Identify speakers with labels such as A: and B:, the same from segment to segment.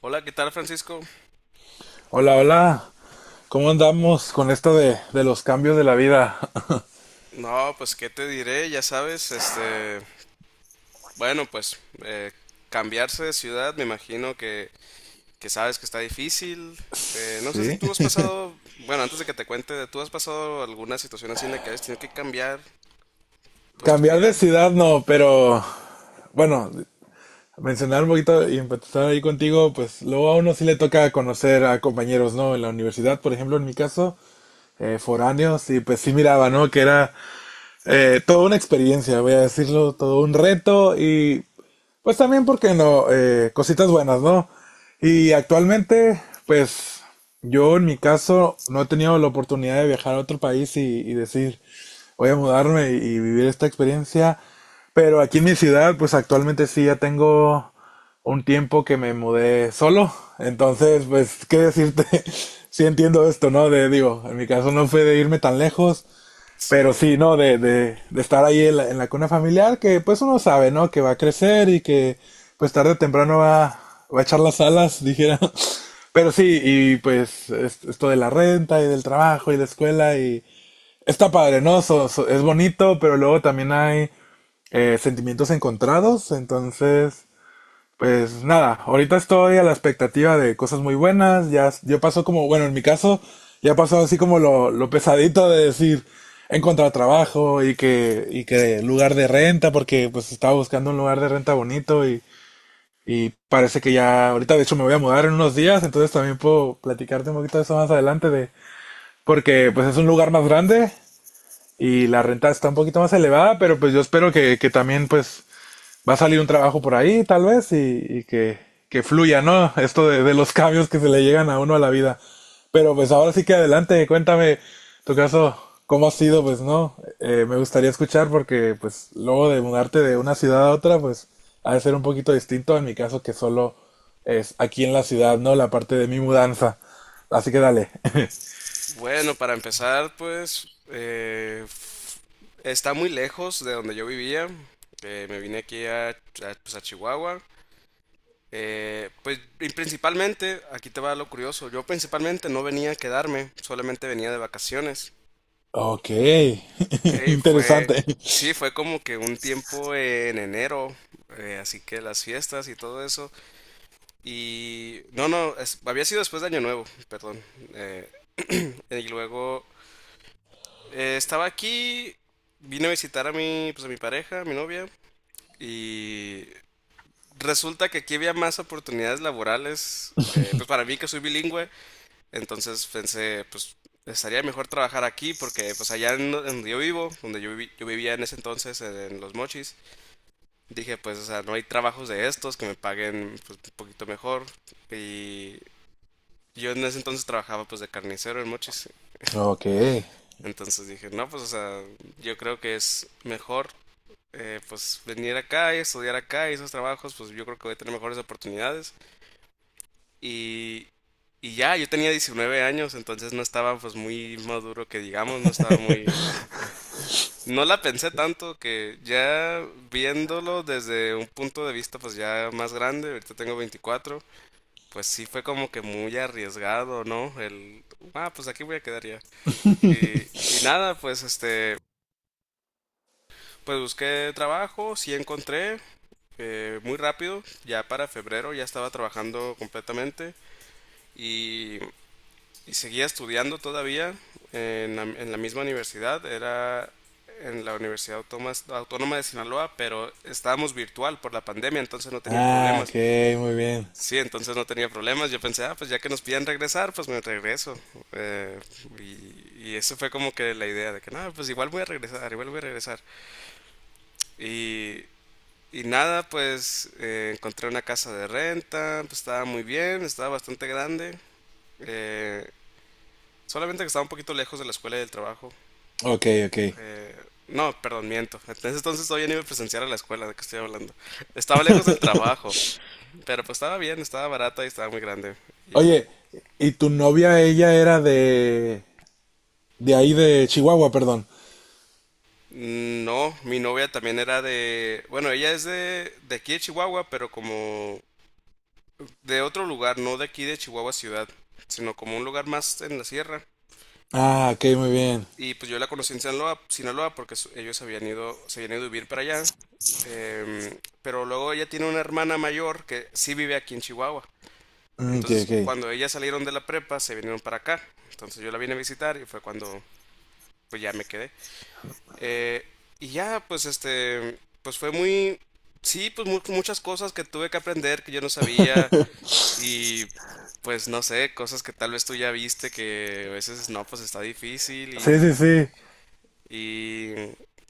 A: Hola, ¿qué tal, Francisco?
B: Hola, hola. ¿Cómo andamos con esto de los cambios de la vida?
A: No, pues qué te diré, ya sabes, este, bueno, pues eh, cambiarse de ciudad, me imagino que sabes que está difícil. No sé si
B: Sí.
A: tú has pasado, bueno, antes de que te cuente, ¿tú has pasado alguna situación así en la que has tenido que cambiar, pues, tu
B: Cambiar de
A: vida?
B: ciudad no, pero bueno, mencionar un poquito y empezar ahí contigo, pues luego a uno sí le toca conocer a compañeros, ¿no? En la universidad, por ejemplo, en mi caso, foráneos, y pues sí miraba, ¿no? Que era toda una experiencia, voy a decirlo, todo un reto y pues también, ¿porque no? Cositas buenas, ¿no? Y actualmente, pues yo en mi caso no he tenido la oportunidad de viajar a otro país y decir, voy a mudarme y vivir esta experiencia. Pero aquí en mi ciudad, pues actualmente sí ya tengo un tiempo que me mudé solo. Entonces, pues, ¿qué decirte? Sí entiendo esto, ¿no? De, digo, en mi caso no fue de irme tan lejos, pero sí,
A: Sí.
B: ¿no? De estar ahí en la cuna familiar, que pues uno sabe, ¿no? Que va a crecer y que pues tarde o temprano va a echar las alas, dijera. Pero sí, y pues esto de la renta y del trabajo y la escuela y está padre, ¿no? Es bonito, pero luego también hay sentimientos encontrados, entonces... Pues nada, ahorita estoy a la expectativa de cosas muy buenas. Ya, yo pasó como, bueno, en mi caso, ya pasó así como lo pesadito de decir encontrar trabajo y que lugar de renta, porque pues estaba buscando un lugar de renta bonito y parece que ya, ahorita de hecho me voy a mudar en unos días, entonces también puedo platicarte un poquito de eso más adelante de, porque pues es un lugar más grande y la renta está un poquito más elevada, pero pues yo espero que también pues va a salir un trabajo por ahí, tal vez, que fluya, ¿no? Esto de los cambios que se le llegan a uno a la vida. Pero pues ahora sí que adelante, cuéntame tu caso, cómo ha sido, pues no. Me gustaría escuchar porque pues luego de mudarte de una ciudad a otra, pues ha de ser un poquito distinto en mi caso que solo es aquí en la ciudad, ¿no? La parte de mi mudanza. Así que dale.
A: Bueno, para empezar, pues, está muy lejos de donde yo vivía. Me vine aquí pues, a Chihuahua. Pues y principalmente, aquí te va lo curioso, yo principalmente no venía a quedarme, solamente venía de vacaciones.
B: Ok,
A: Ok, fue,
B: interesante.
A: sí, fue como que un tiempo en enero, así que las fiestas y todo eso. Y no, no, es- había sido después de Año Nuevo, perdón. eh, y luego estaba aquí, vine a visitar a mi, pues a mi pareja, a mi novia, y resulta que aquí había más oportunidades laborales, pues para mí que soy bilingüe. Entonces pensé, pues estaría mejor trabajar aquí porque pues en donde yo vivo, yo vivía en ese entonces, en Los Mochis, dije pues, o sea, no hay trabajos de estos que me paguen pues un poquito mejor. Y yo en ese entonces trabajaba pues de carnicero en Mochis.
B: Ok.
A: Entonces dije, no, pues, o sea, yo creo que es mejor pues venir acá y estudiar acá y esos trabajos, pues yo creo que voy a tener mejores oportunidades. Y, y ya, yo tenía 19 años, entonces no estaba pues muy maduro que digamos, no estaba muy... No la pensé tanto que ya viéndolo desde un punto de vista pues ya más grande, ahorita tengo 24, pues sí fue como que muy arriesgado, ¿no? El, ah, pues aquí voy a quedar ya. Y nada, pues este, pues busqué trabajo, sí encontré, muy rápido, ya para febrero ya estaba trabajando completamente. Y Y seguía estudiando todavía en la misma universidad, era en la Universidad Autónoma de Sinaloa, pero estábamos virtual por la pandemia, entonces no tenía
B: Ah,
A: problemas.
B: ok, muy bien.
A: Sí, entonces no tenía problemas. Yo pensé, ah, pues ya que nos piden regresar, pues me regreso. Eh, y, y eso fue como que la idea de que, no, pues igual voy a regresar, igual voy a regresar. Y, y nada, pues encontré una casa de renta, pues estaba muy bien, estaba bastante grande. eh, Solamente que estaba un poquito lejos de la escuela y del trabajo.
B: Ok, ok.
A: Eh, no, perdón, miento. Entonces, todavía no iba a presenciar a la escuela de que estoy hablando. Estaba lejos del trabajo, pero pues estaba bien, estaba barata y estaba muy grande. Y
B: Oye, ¿y tu novia, ella era de ahí de Chihuahua, perdón?
A: no, mi novia también era de... Bueno, ella es de aquí de Chihuahua, pero como de otro lugar, no de aquí de Chihuahua ciudad, sino como un lugar más en la sierra.
B: Ah, ok, muy bien.
A: Y pues yo la conocí en Sinaloa, Sinaloa porque ellos habían ido, se habían ido a vivir para allá. Em, pero luego ella tiene una hermana mayor que sí vive aquí en Chihuahua.
B: Mm, ok,
A: Entonces,
B: ok.
A: cuando ellas salieron de la prepa, se vinieron para acá. Entonces yo la vine a visitar y fue cuando pues ya me quedé. Eh, y ya, pues este, pues fue muy, sí, pues muchas cosas que tuve que aprender que yo no sabía y pues no sé, cosas que tal vez tú ya viste que a veces no, pues está difícil
B: Sí, sí, sí.
A: y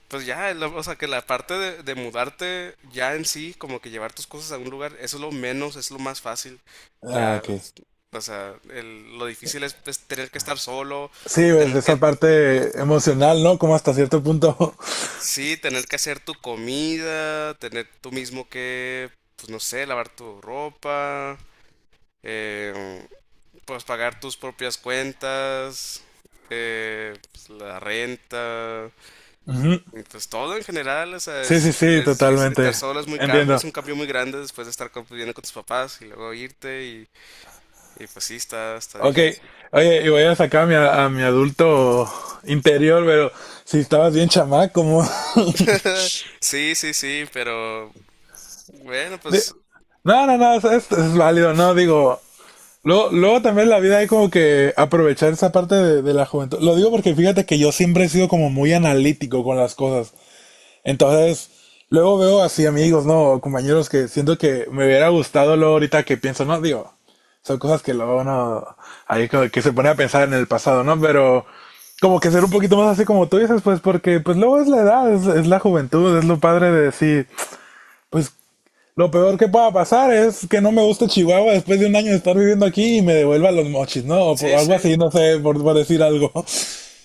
A: pues ya, lo- o sea, que la parte de mudarte ya en sí, como que llevar tus cosas a un lugar, eso es lo menos, es lo más fácil.
B: Ah,
A: Ya,
B: ok.
A: o sea, el- lo difícil es, pues, tener que estar solo,
B: Sí, pues
A: tener que,
B: esa parte emocional, ¿no? Como hasta cierto punto.
A: sí, tener que hacer tu comida, tener tú mismo que, pues no sé, lavar tu ropa, eh, pues pagar tus propias cuentas, pues, la renta.
B: Ujú.
A: Entonces, todo en general, o sea,
B: Sí, sí, sí,
A: es difícil estar
B: totalmente.
A: solo, es
B: Entiendo.
A: es un cambio muy grande después de estar conviviendo con tus papás y luego irte y pues sí, está, está
B: Ok.
A: difícil.
B: Oye, y voy a sacar a mi adulto interior, pero si estabas bien chamaco, como...
A: Sí, sí, sí, pero bueno,
B: de-
A: pues
B: No, no, no, es válido, no, digo, luego, luego también la vida hay como que aprovechar esa parte de la juventud. Lo digo porque fíjate que yo siempre he sido como muy analítico con las cosas. Entonces, luego veo así amigos, ¿no? Compañeros que siento que me hubiera gustado luego ahorita que pienso, ¿no? Digo, son cosas que luego uno ahí como que se pone a pensar en el pasado, ¿no? Pero como que ser un poquito más así como tú dices, pues porque pues luego es la edad, es la juventud, es lo padre de decir, pues lo peor que pueda pasar es que no me guste Chihuahua después de un año de estar viviendo aquí y me devuelva los mochis, ¿no? O por
A: sí,
B: algo
A: sí.
B: así, no sé, por decir algo.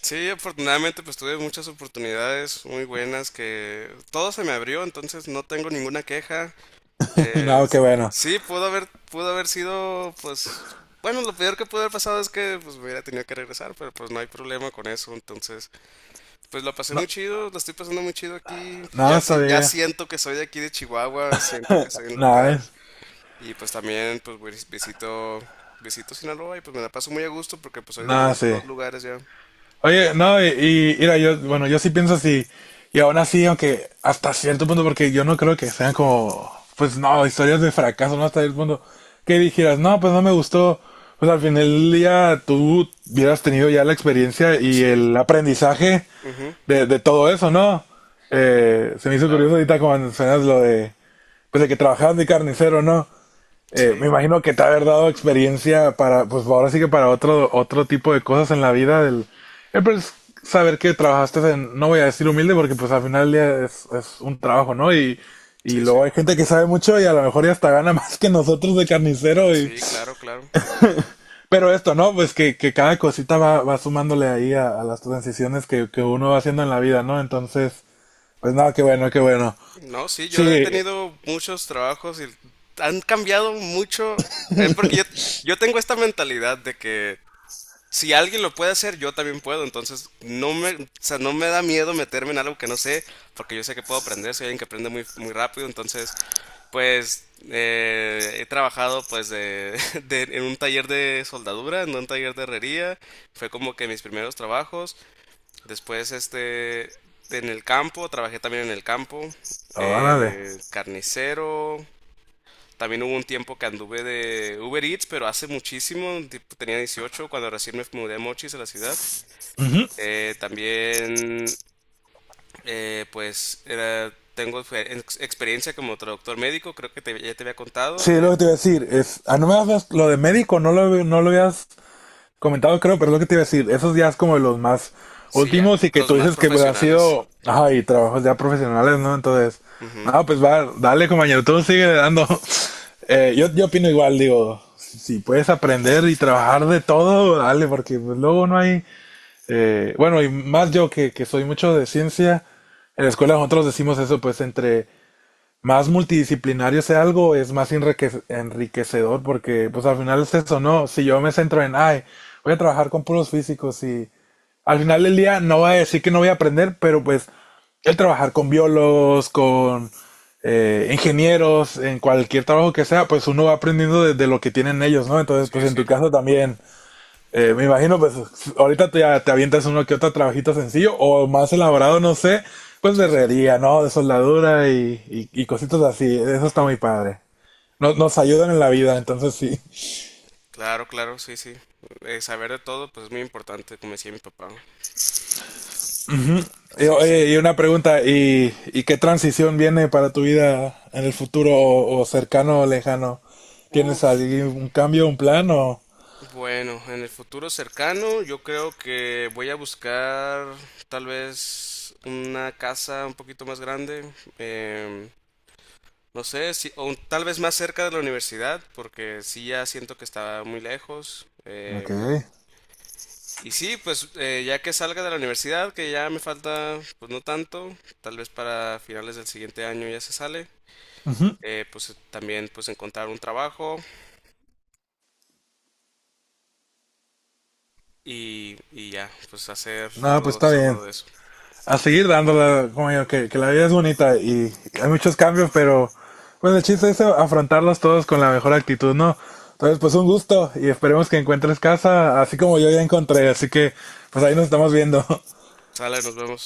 A: Sí, afortunadamente pues tuve muchas oportunidades muy buenas que todo se me abrió, entonces no tengo ninguna queja. Eh,
B: No, qué bueno.
A: sí, pudo haber sido pues bueno, lo peor que pudo haber pasado es que pues me hubiera tenido que regresar, pero pues no hay problema con eso, entonces pues la pasé
B: No,
A: muy chido, la estoy pasando muy chido aquí.
B: no,
A: Ya,
B: está
A: sí- ya
B: bien.
A: siento que soy de aquí de Chihuahua, siento que soy un
B: Nada,
A: local.
B: es-
A: Y pues también visito visito Sinaloa y pues me la paso muy a gusto porque pues soy de los
B: Nada,
A: dos
B: sí.
A: dos lugares ya.
B: Oye, no, y mira, yo, bueno, yo sí pienso así, y aún así, aunque hasta cierto punto, porque yo no creo que sean como, pues no, historias de fracaso, no hasta el punto que dijeras, no, pues no me gustó, pues al final del día tú hubieras tenido ya la experiencia y el
A: Sí,
B: aprendizaje
A: ujú,
B: de todo eso, ¿no? Se me hizo
A: claro.
B: curioso ahorita cuando mencionas lo de, pues de que trabajabas de carnicero, ¿no? Me
A: Sí,
B: imagino que te ha de haber dado experiencia para, pues ahora sí que para otro tipo de cosas en la vida del... pues, saber que trabajaste en, no voy a decir humilde porque pues al final del día es un trabajo, ¿no? Y
A: sí, sí.
B: luego hay gente que sabe mucho y a lo mejor ya hasta gana más que nosotros de carnicero y...
A: Sí, claro, claro.
B: Pero esto, ¿no? Pues que cada cosita va sumándole ahí a las transiciones que uno va haciendo en la vida, ¿no? Entonces, pues nada, qué bueno, qué bueno.
A: No, sí, yo he
B: Sí,
A: tenido muchos trabajos y han cambiado mucho. Es porque yo tengo esta mentalidad de que si alguien lo puede hacer, yo también puedo. Entonces, no me, o sea, no me da miedo meterme en algo que no sé, porque yo sé que puedo aprender, soy alguien que aprende muy, muy rápido. Entonces, pues he trabajado pues de, de- en un taller de soldadura, en un taller de herrería. Fue como que mis primeros trabajos. Después, este, en el campo, trabajé también en el campo.
B: órale.
A: Carnicero, también hubo un tiempo que anduve de Uber Eats, pero hace muchísimo, tipo, tenía 18 cuando recién me mudé a Mochis, a la ciudad. También, pues, era, tengo experiencia como traductor médico, creo que ya te había contado.
B: Sí, lo que te iba a decir es, ah, no me has- lo de médico, no lo, no lo habías comentado, creo, pero es lo que te iba a decir, esos ya es como de los más
A: Sí, ya,
B: últimos y que
A: los
B: tú
A: más
B: dices que pues, han
A: profesionales.
B: sido, ay, trabajos ya profesionales, ¿no? Entonces,
A: Ujú,
B: no, pues va, dale, compañero, tú sigue dando. Yo, yo opino igual, digo, si puedes aprender y trabajar de todo, dale, porque pues, luego no hay, bueno, y más yo que soy mucho de ciencia, en la escuela nosotros decimos eso, pues entre más multidisciplinario sea algo, es más enriquecedor porque pues al final es eso, ¿no? Si yo me centro en, ay, voy a trabajar con puros físicos y al final del día no voy a decir que no voy a aprender, pero pues el trabajar con biólogos, con ingenieros, en cualquier trabajo que sea, pues uno va aprendiendo de lo que tienen ellos, ¿no? Entonces,
A: sí,
B: pues en
A: sí,
B: tu caso también, me imagino, pues ahorita te avientas uno que otro trabajito sencillo o más elaborado, no sé, pues de
A: sí, sí.
B: herrería, ¿no? De soldadura y cositas así. Eso está
A: Ujú,
B: muy padre. Nos, nos ayudan en la vida, entonces sí.
A: claro, claro, sí, sí. Saber de todo, pues es muy importante, como decía mi papá.
B: Y,
A: Sí, sí.
B: oye, y una pregunta, y qué transición viene para tu vida en el futuro o cercano o lejano? ¿Tienes
A: Uf.
B: algún un cambio, un plan o...?
A: Bueno, en el futuro cercano yo creo que voy a buscar tal vez una casa un poquito más grande, em, no sé, si, o un- tal vez más cerca de la universidad, porque sí ya siento que está muy lejos.
B: Ok.
A: Em, y sí, pues ya que salga de la universidad, que ya me falta pues no tanto, tal vez para finales del siguiente año ya se sale,
B: Ujú.
A: pues también pues encontrar un trabajo y ya, pues hacer
B: No, pues
A: todo,
B: está bien.
A: todo eso.
B: A seguir dándole, como yo, que la vida es bonita y hay muchos cambios, pero bueno, el chiste es afrontarlos todos con la mejor actitud, ¿no? Entonces, pues un gusto y esperemos que encuentres casa, así como yo ya encontré, así que pues ahí nos estamos viendo.
A: Sale, nos vemos.